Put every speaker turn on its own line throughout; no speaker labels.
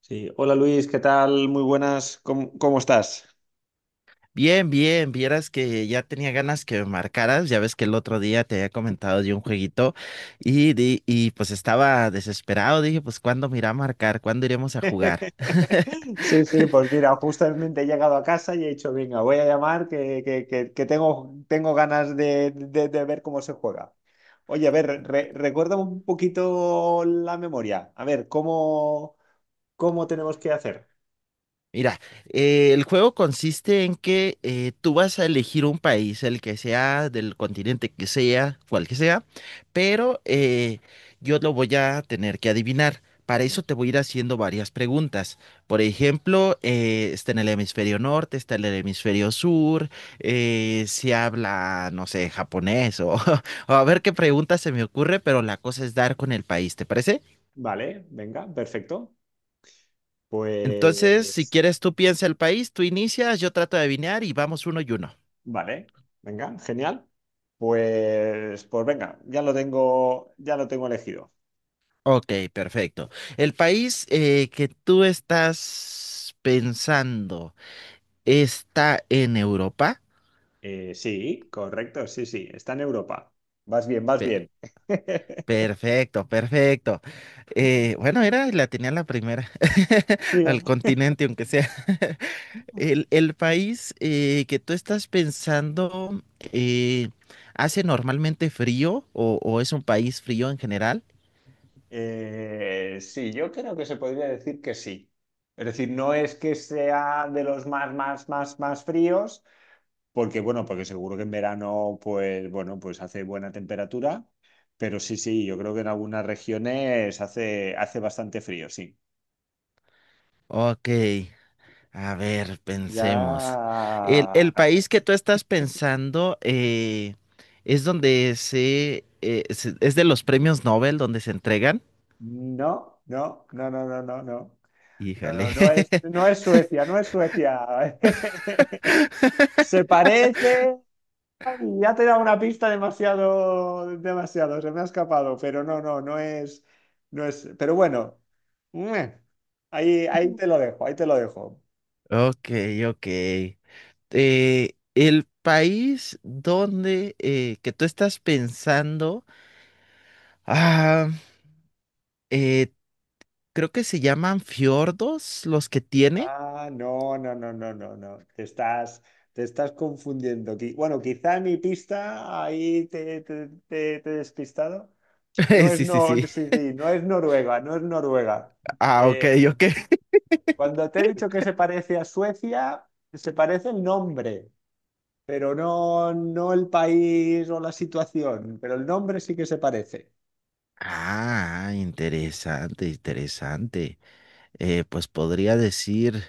Sí. Hola Luis, ¿qué tal? Muy buenas, ¿cómo estás?
Bien, bien, vieras que ya tenía ganas que me marcaras, ya ves que el otro día te había comentado de un jueguito y, y pues estaba desesperado, dije, pues ¿cuándo me irá a marcar? ¿Cuándo iremos a jugar?
Sí, sí, pues mira, justamente he llegado a casa y he dicho, venga, voy a llamar que tengo, tengo ganas de ver cómo se juega. Oye, a ver, recuerda un poquito la memoria. A ver, ¿cómo tenemos que hacer?
Mira, el juego consiste en que tú vas a elegir un país, el que sea, del continente que sea, cual que sea, pero yo lo voy a tener que adivinar. Para eso te voy a ir haciendo varias preguntas. Por ejemplo, está en el hemisferio norte, está en el hemisferio sur, si habla, no sé, japonés o, o a ver qué pregunta se me ocurre, pero la cosa es dar con el país, ¿te parece?
Vale, venga, perfecto.
Entonces, si
Pues,
quieres, tú piensa el país, tú inicias, yo trato de adivinar y vamos uno y uno.
vale, venga, genial. Pues, pues venga, ya lo tengo elegido.
Ok, perfecto. El país que tú estás pensando está en Europa.
Sí, correcto, sí, sí, está en Europa. Vas bien, vas
Pe-
bien.
Perfecto, perfecto. Bueno, era, la tenía la primera, al
Bien.
continente, aunque sea. El país que tú estás pensando, eh, hace normalmente frío o es un país frío en general.
Sí, yo creo que se podría decir que sí. Es decir, no es que sea de los más, más, más, más fríos, porque bueno, porque seguro que en verano, pues bueno, pues hace buena temperatura, pero sí, sí, yo creo que en algunas regiones hace, hace bastante frío, sí.
Ok. A ver,
Ya...
pensemos. El país que tú estás pensando es donde se, es de los premios Nobel donde se entregan.
No, no, no, no, no, no, no. No,
Híjale.
no, no es, no es Suecia, no es Suecia. Se parece. Ya te he dado una pista demasiado, demasiado, se me ha escapado, pero no, no, no es, no es. Pero bueno, meh, ahí, ahí te lo dejo, ahí te lo dejo.
Ok, ok. El país donde que tú estás pensando, ah, eh, creo que se llaman fiordos los que tiene.
Ah, no, no, no, no, no, no. Te estás confundiendo. Bueno, quizá mi pista ahí te he despistado. No es,
Sí, sí,
no,
sí.
sí, sí, no es Noruega, no es Noruega.
Ah, ok,
Eh,
ok.
Cuando te he dicho que se parece a Suecia, se parece el nombre, pero no, no el país o la situación, pero el nombre sí que se parece.
Ah, interesante, interesante. Pues podría decir,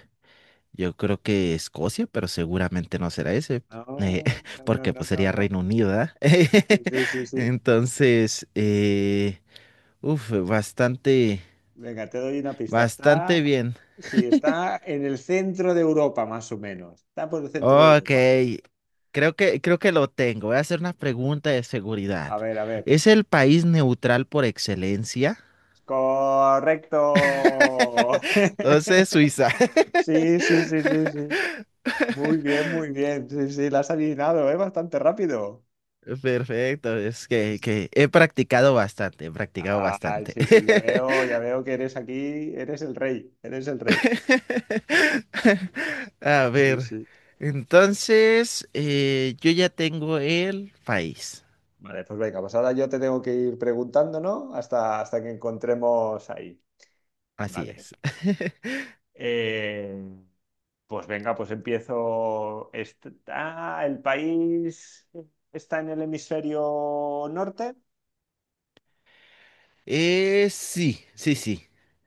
yo creo que Escocia, pero seguramente no será ese, eh,
No, no, no,
porque
no,
pues
no,
sería
no.
Reino Unido, ¿verdad?
Sí, sí, sí, sí.
Entonces, uf, bastante,
Venga, te doy una pista. Está,
bastante bien.
sí, está en el centro de Europa, más o menos. Está por el centro de
Ok,
Europa.
creo que lo tengo. Voy a hacer una pregunta de seguridad.
A ver, a ver.
¿Es el país neutral por excelencia?
Correcto.
Entonces, Suiza.
Sí, sí, sí, sí, sí. Muy bien, muy bien. Sí, sí, la has adivinado, ¿eh? Bastante rápido.
Perfecto, es
Sí,
que he practicado bastante, he practicado
ah,
bastante.
sí, sí, ya veo que eres aquí, eres el rey, eres el rey.
A
Sí,
ver,
sí.
entonces yo ya tengo el país.
Vale, pues venga, pues ahora yo te tengo que ir preguntando, ¿no? Hasta, hasta que encontremos ahí.
Así
Vale.
es.
Eh, pues venga, pues empiezo. El país está en el hemisferio norte.
Sí, sí, sí.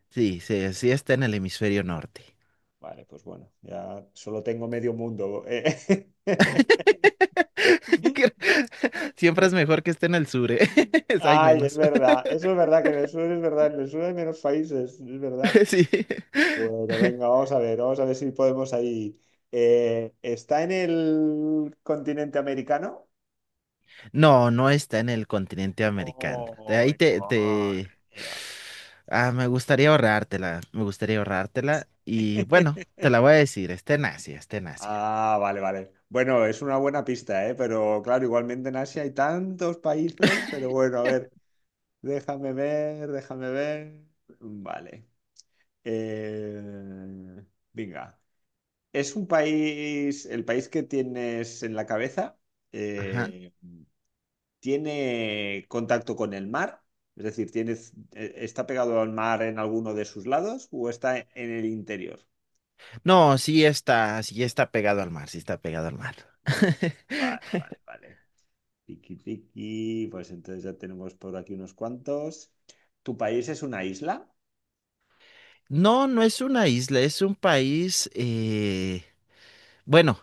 Sí, sí, sí está en el hemisferio norte.
Vale, pues bueno, ya solo tengo medio mundo.
Que- Siempre es mejor que esté en el sur, ¿eh? Hay
Ay, es
menos.
verdad. Eso es verdad, que en el sur es verdad. En el sur hay menos países, es verdad.
Sí.
Bueno, venga, vamos a ver. Vamos a ver si podemos ahí. ¿Está en el continente americano?
No, no está en el continente americano. De
Oh,
ahí te,
madre
te...
mía.
Ah, me gustaría ahorrártela, me gustaría ahorrártela. Y bueno, te la voy a decir, está en Asia, está en Asia.
Ah, vale, vale. Bueno, es una buena pista, ¿eh? Pero claro, igualmente en Asia hay tantos países, pero bueno, a ver, déjame ver, déjame ver. Vale. Eh, Venga. ¿Es un país, el país que tienes en la cabeza,
Ajá.
eh, tiene contacto con el mar? Es decir, ¿tienes, está pegado al mar en alguno de sus lados o está en el interior?
No, sí está pegado al mar, sí está pegado al mar.
Vale, vale, vale. Tiki, tiki. Pues entonces ya tenemos por aquí unos cuantos. ¿Tu país es una isla?
No, no es una isla, es un país, bueno,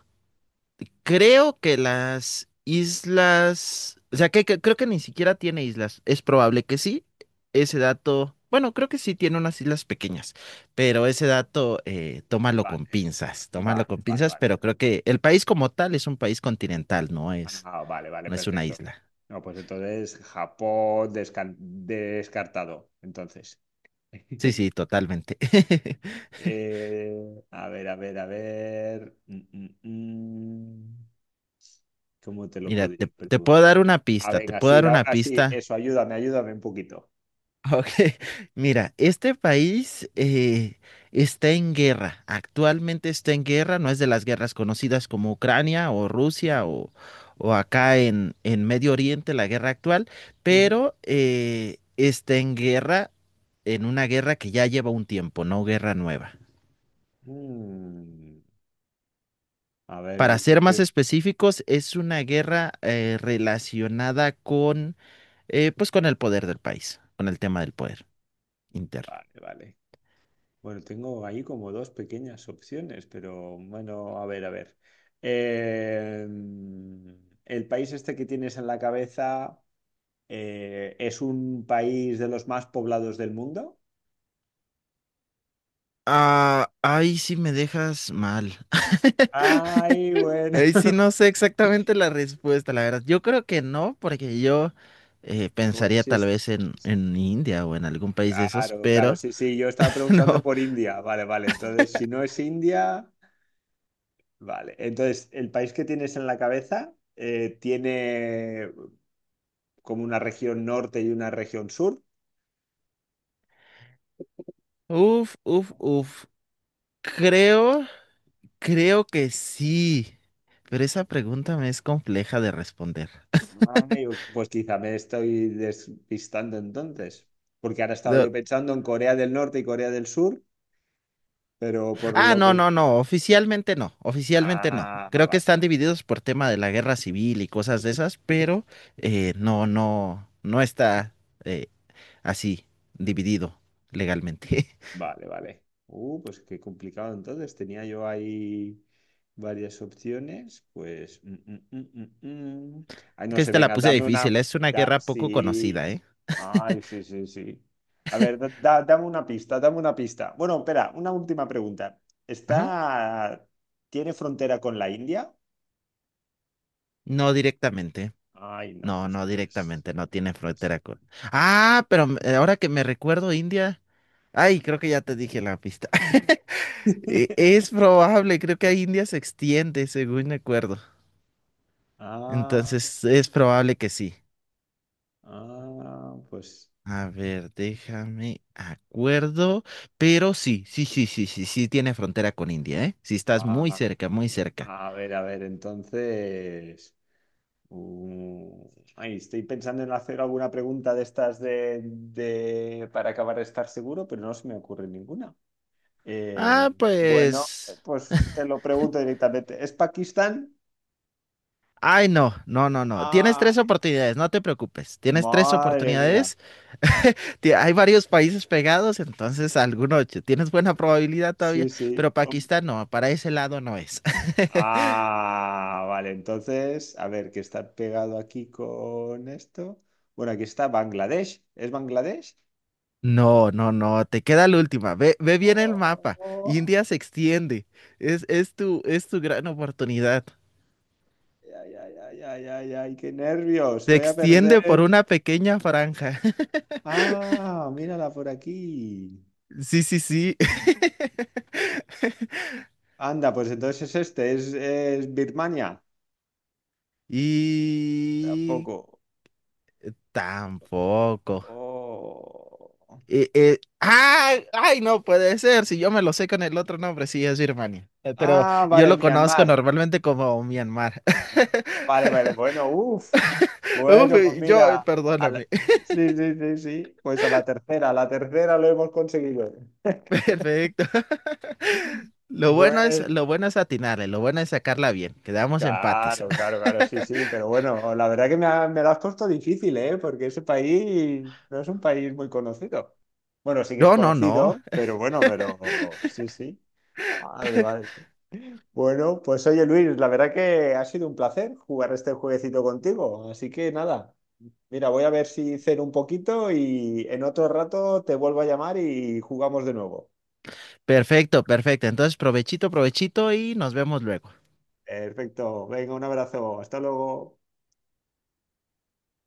creo que las islas, o sea, que creo que ni siquiera tiene islas. Es probable que sí. Ese dato, bueno, creo que sí tiene unas islas pequeñas, pero ese dato,
Vale,
tómalo
vale,
con
vale,
pinzas,
vale.
pero creo que el país como tal es un país continental, no es,
Ah, vale, vale,
no es una
perfecto.
isla.
No, pues entonces Japón descartado. Entonces.
Sí, sí, totalmente.
A ver, a ver, a ver. Mm. ¿Cómo te lo
Mira,
podría
te
preguntar?
puedo dar una
A
pista, te
ver,
puedo
así,
dar
dame
una
así.
pista.
Eso, ayúdame, ayúdame un poquito.
Ok, mira, este país está en guerra, actualmente está en guerra, no es de las guerras conocidas como Ucrania o Rusia
Ujú,
o acá en Medio Oriente, la guerra actual,
ujú.
pero está en guerra, en una guerra que ya lleva un tiempo, no guerra nueva.
Mm, A ver, yo
Para
creo
ser más
que-
específicos, es una guerra relacionada con, pues con el poder del país, con el tema del poder interno.
Vale, vale. Bueno, tengo ahí como dos pequeñas opciones, pero bueno, a ver, a ver. Eh, el país este que tienes en la cabeza es un país de los más poblados del mundo.
Ah, ahí sí me dejas mal.
Ay, bueno.
Ahí sí no sé exactamente la respuesta, la verdad. Yo creo que no, porque yo
Bueno,
pensaría
sí
tal
es...
vez en India o en algún país de esos,
Claro, claro,
pero
sí, sí, yo estaba preguntando
no.
por India, vale, vale, entonces si no es India, vale, entonces el país que tienes en la cabeza tiene como una región norte y una región sur.
Uf, uf, uf. Creo, creo que sí. Pero esa pregunta me es compleja de responder.
Ay, pues quizá me estoy despistando entonces, porque ahora estaba
No,
yo pensando en Corea del Norte y Corea del Sur, pero por
ah,
lo
no,
que...
no, no, oficialmente no, oficialmente no.
Ah,
Creo que
vale.
están divididos por tema de la guerra civil y cosas de esas, pero no, no, no está eh, así dividido legalmente.
Vale, vale. Pues qué complicado entonces. Tenía yo ahí varias opciones. Pues. Mm, mm. Ay,
Es
no
que
sé,
esta la
venga,
puse
dame una.
difícil, es una guerra poco
Sí.
conocida, ¿eh?
Ay, sí, sí, sí. A ver, dame una pista, dame una pista. Bueno, espera, una última pregunta.
Ajá.
¿Está. ¿Tiene frontera con la India?
No directamente,
Ay, no,
no,
pues
no
entonces.
directamente, no tiene
Pues.
frontera con... Ah, pero ahora que me recuerdo, India... Ay, creo que ya te dije la pista. Es probable, creo que a India se extiende, según me acuerdo.
Ah,
Entonces es probable que sí.
ah, pues.
A ver, déjame acuerdo, pero sí, sí, sí, sí, sí, sí tiene frontera con India, ¿eh? Sí estás
Ah,
muy cerca, muy cerca.
a ver, entonces. Uh, Ay, estoy pensando en hacer alguna pregunta de estas de, para acabar de estar seguro, pero no se me ocurre ninguna. Eh,
Ah,
bueno,
pues...
pues te lo pregunto directamente. ¿Es Pakistán?
Ay, no, no, no, no. Tienes
Ah,
tres oportunidades, no te preocupes. Tienes tres
madre mía.
oportunidades. Hay varios países pegados, entonces alguno tienes buena probabilidad
Sí,
todavía,
sí.
pero Pakistán no, para ese lado no es.
Ah, vale. Entonces, a ver, ¿qué está pegado aquí con esto? Bueno, aquí está Bangladesh. ¿Es Bangladesh?
No, no, no, te queda la última. Ve, ve bien el mapa.
Oh,
India se extiende. Es tu gran oportunidad.
ay, ay, ay, ay, ay, ay, ay, qué nervios.
Se
Voy a
extiende por
perder.
una pequeña franja.
Ah, mírala por aquí.
Sí, sí, sí.
Anda, pues entonces es este, es Birmania.
Y
Tampoco.
tampoco.
Oh.
¡Ah! Ay, no puede ser. Si yo me lo sé con el otro nombre, sí, es Birmania. Pero
Ah,
yo
vale,
lo conozco
Myanmar.
normalmente como Myanmar.
Ah, vale, vale, bueno, uff.
Uf,
Bueno, pues
yo,
mira, a la-
perdóname.
sí, sí, sí, sí. Pues a la tercera lo hemos conseguido.
Perfecto.
Bueno,
Lo bueno es atinarle, lo bueno es sacarla bien. Quedamos empates.
claro, claro, claro, sí, sí, pero bueno, la verdad que me, me lo has puesto difícil, ¿eh? Porque ese país no es un país muy conocido. Bueno, sí que es
No, no, no.
conocido, pero bueno, pero sí, sí. Madre, madre. Bueno, pues oye Luis, la verdad que ha sido un placer jugar este jueguecito contigo, así que nada, mira, voy a ver si ceno un poquito y en otro rato te vuelvo a llamar y jugamos de nuevo.
Perfecto, perfecto. Entonces, provechito, provechito y nos vemos luego.
Perfecto, venga, un abrazo, hasta luego.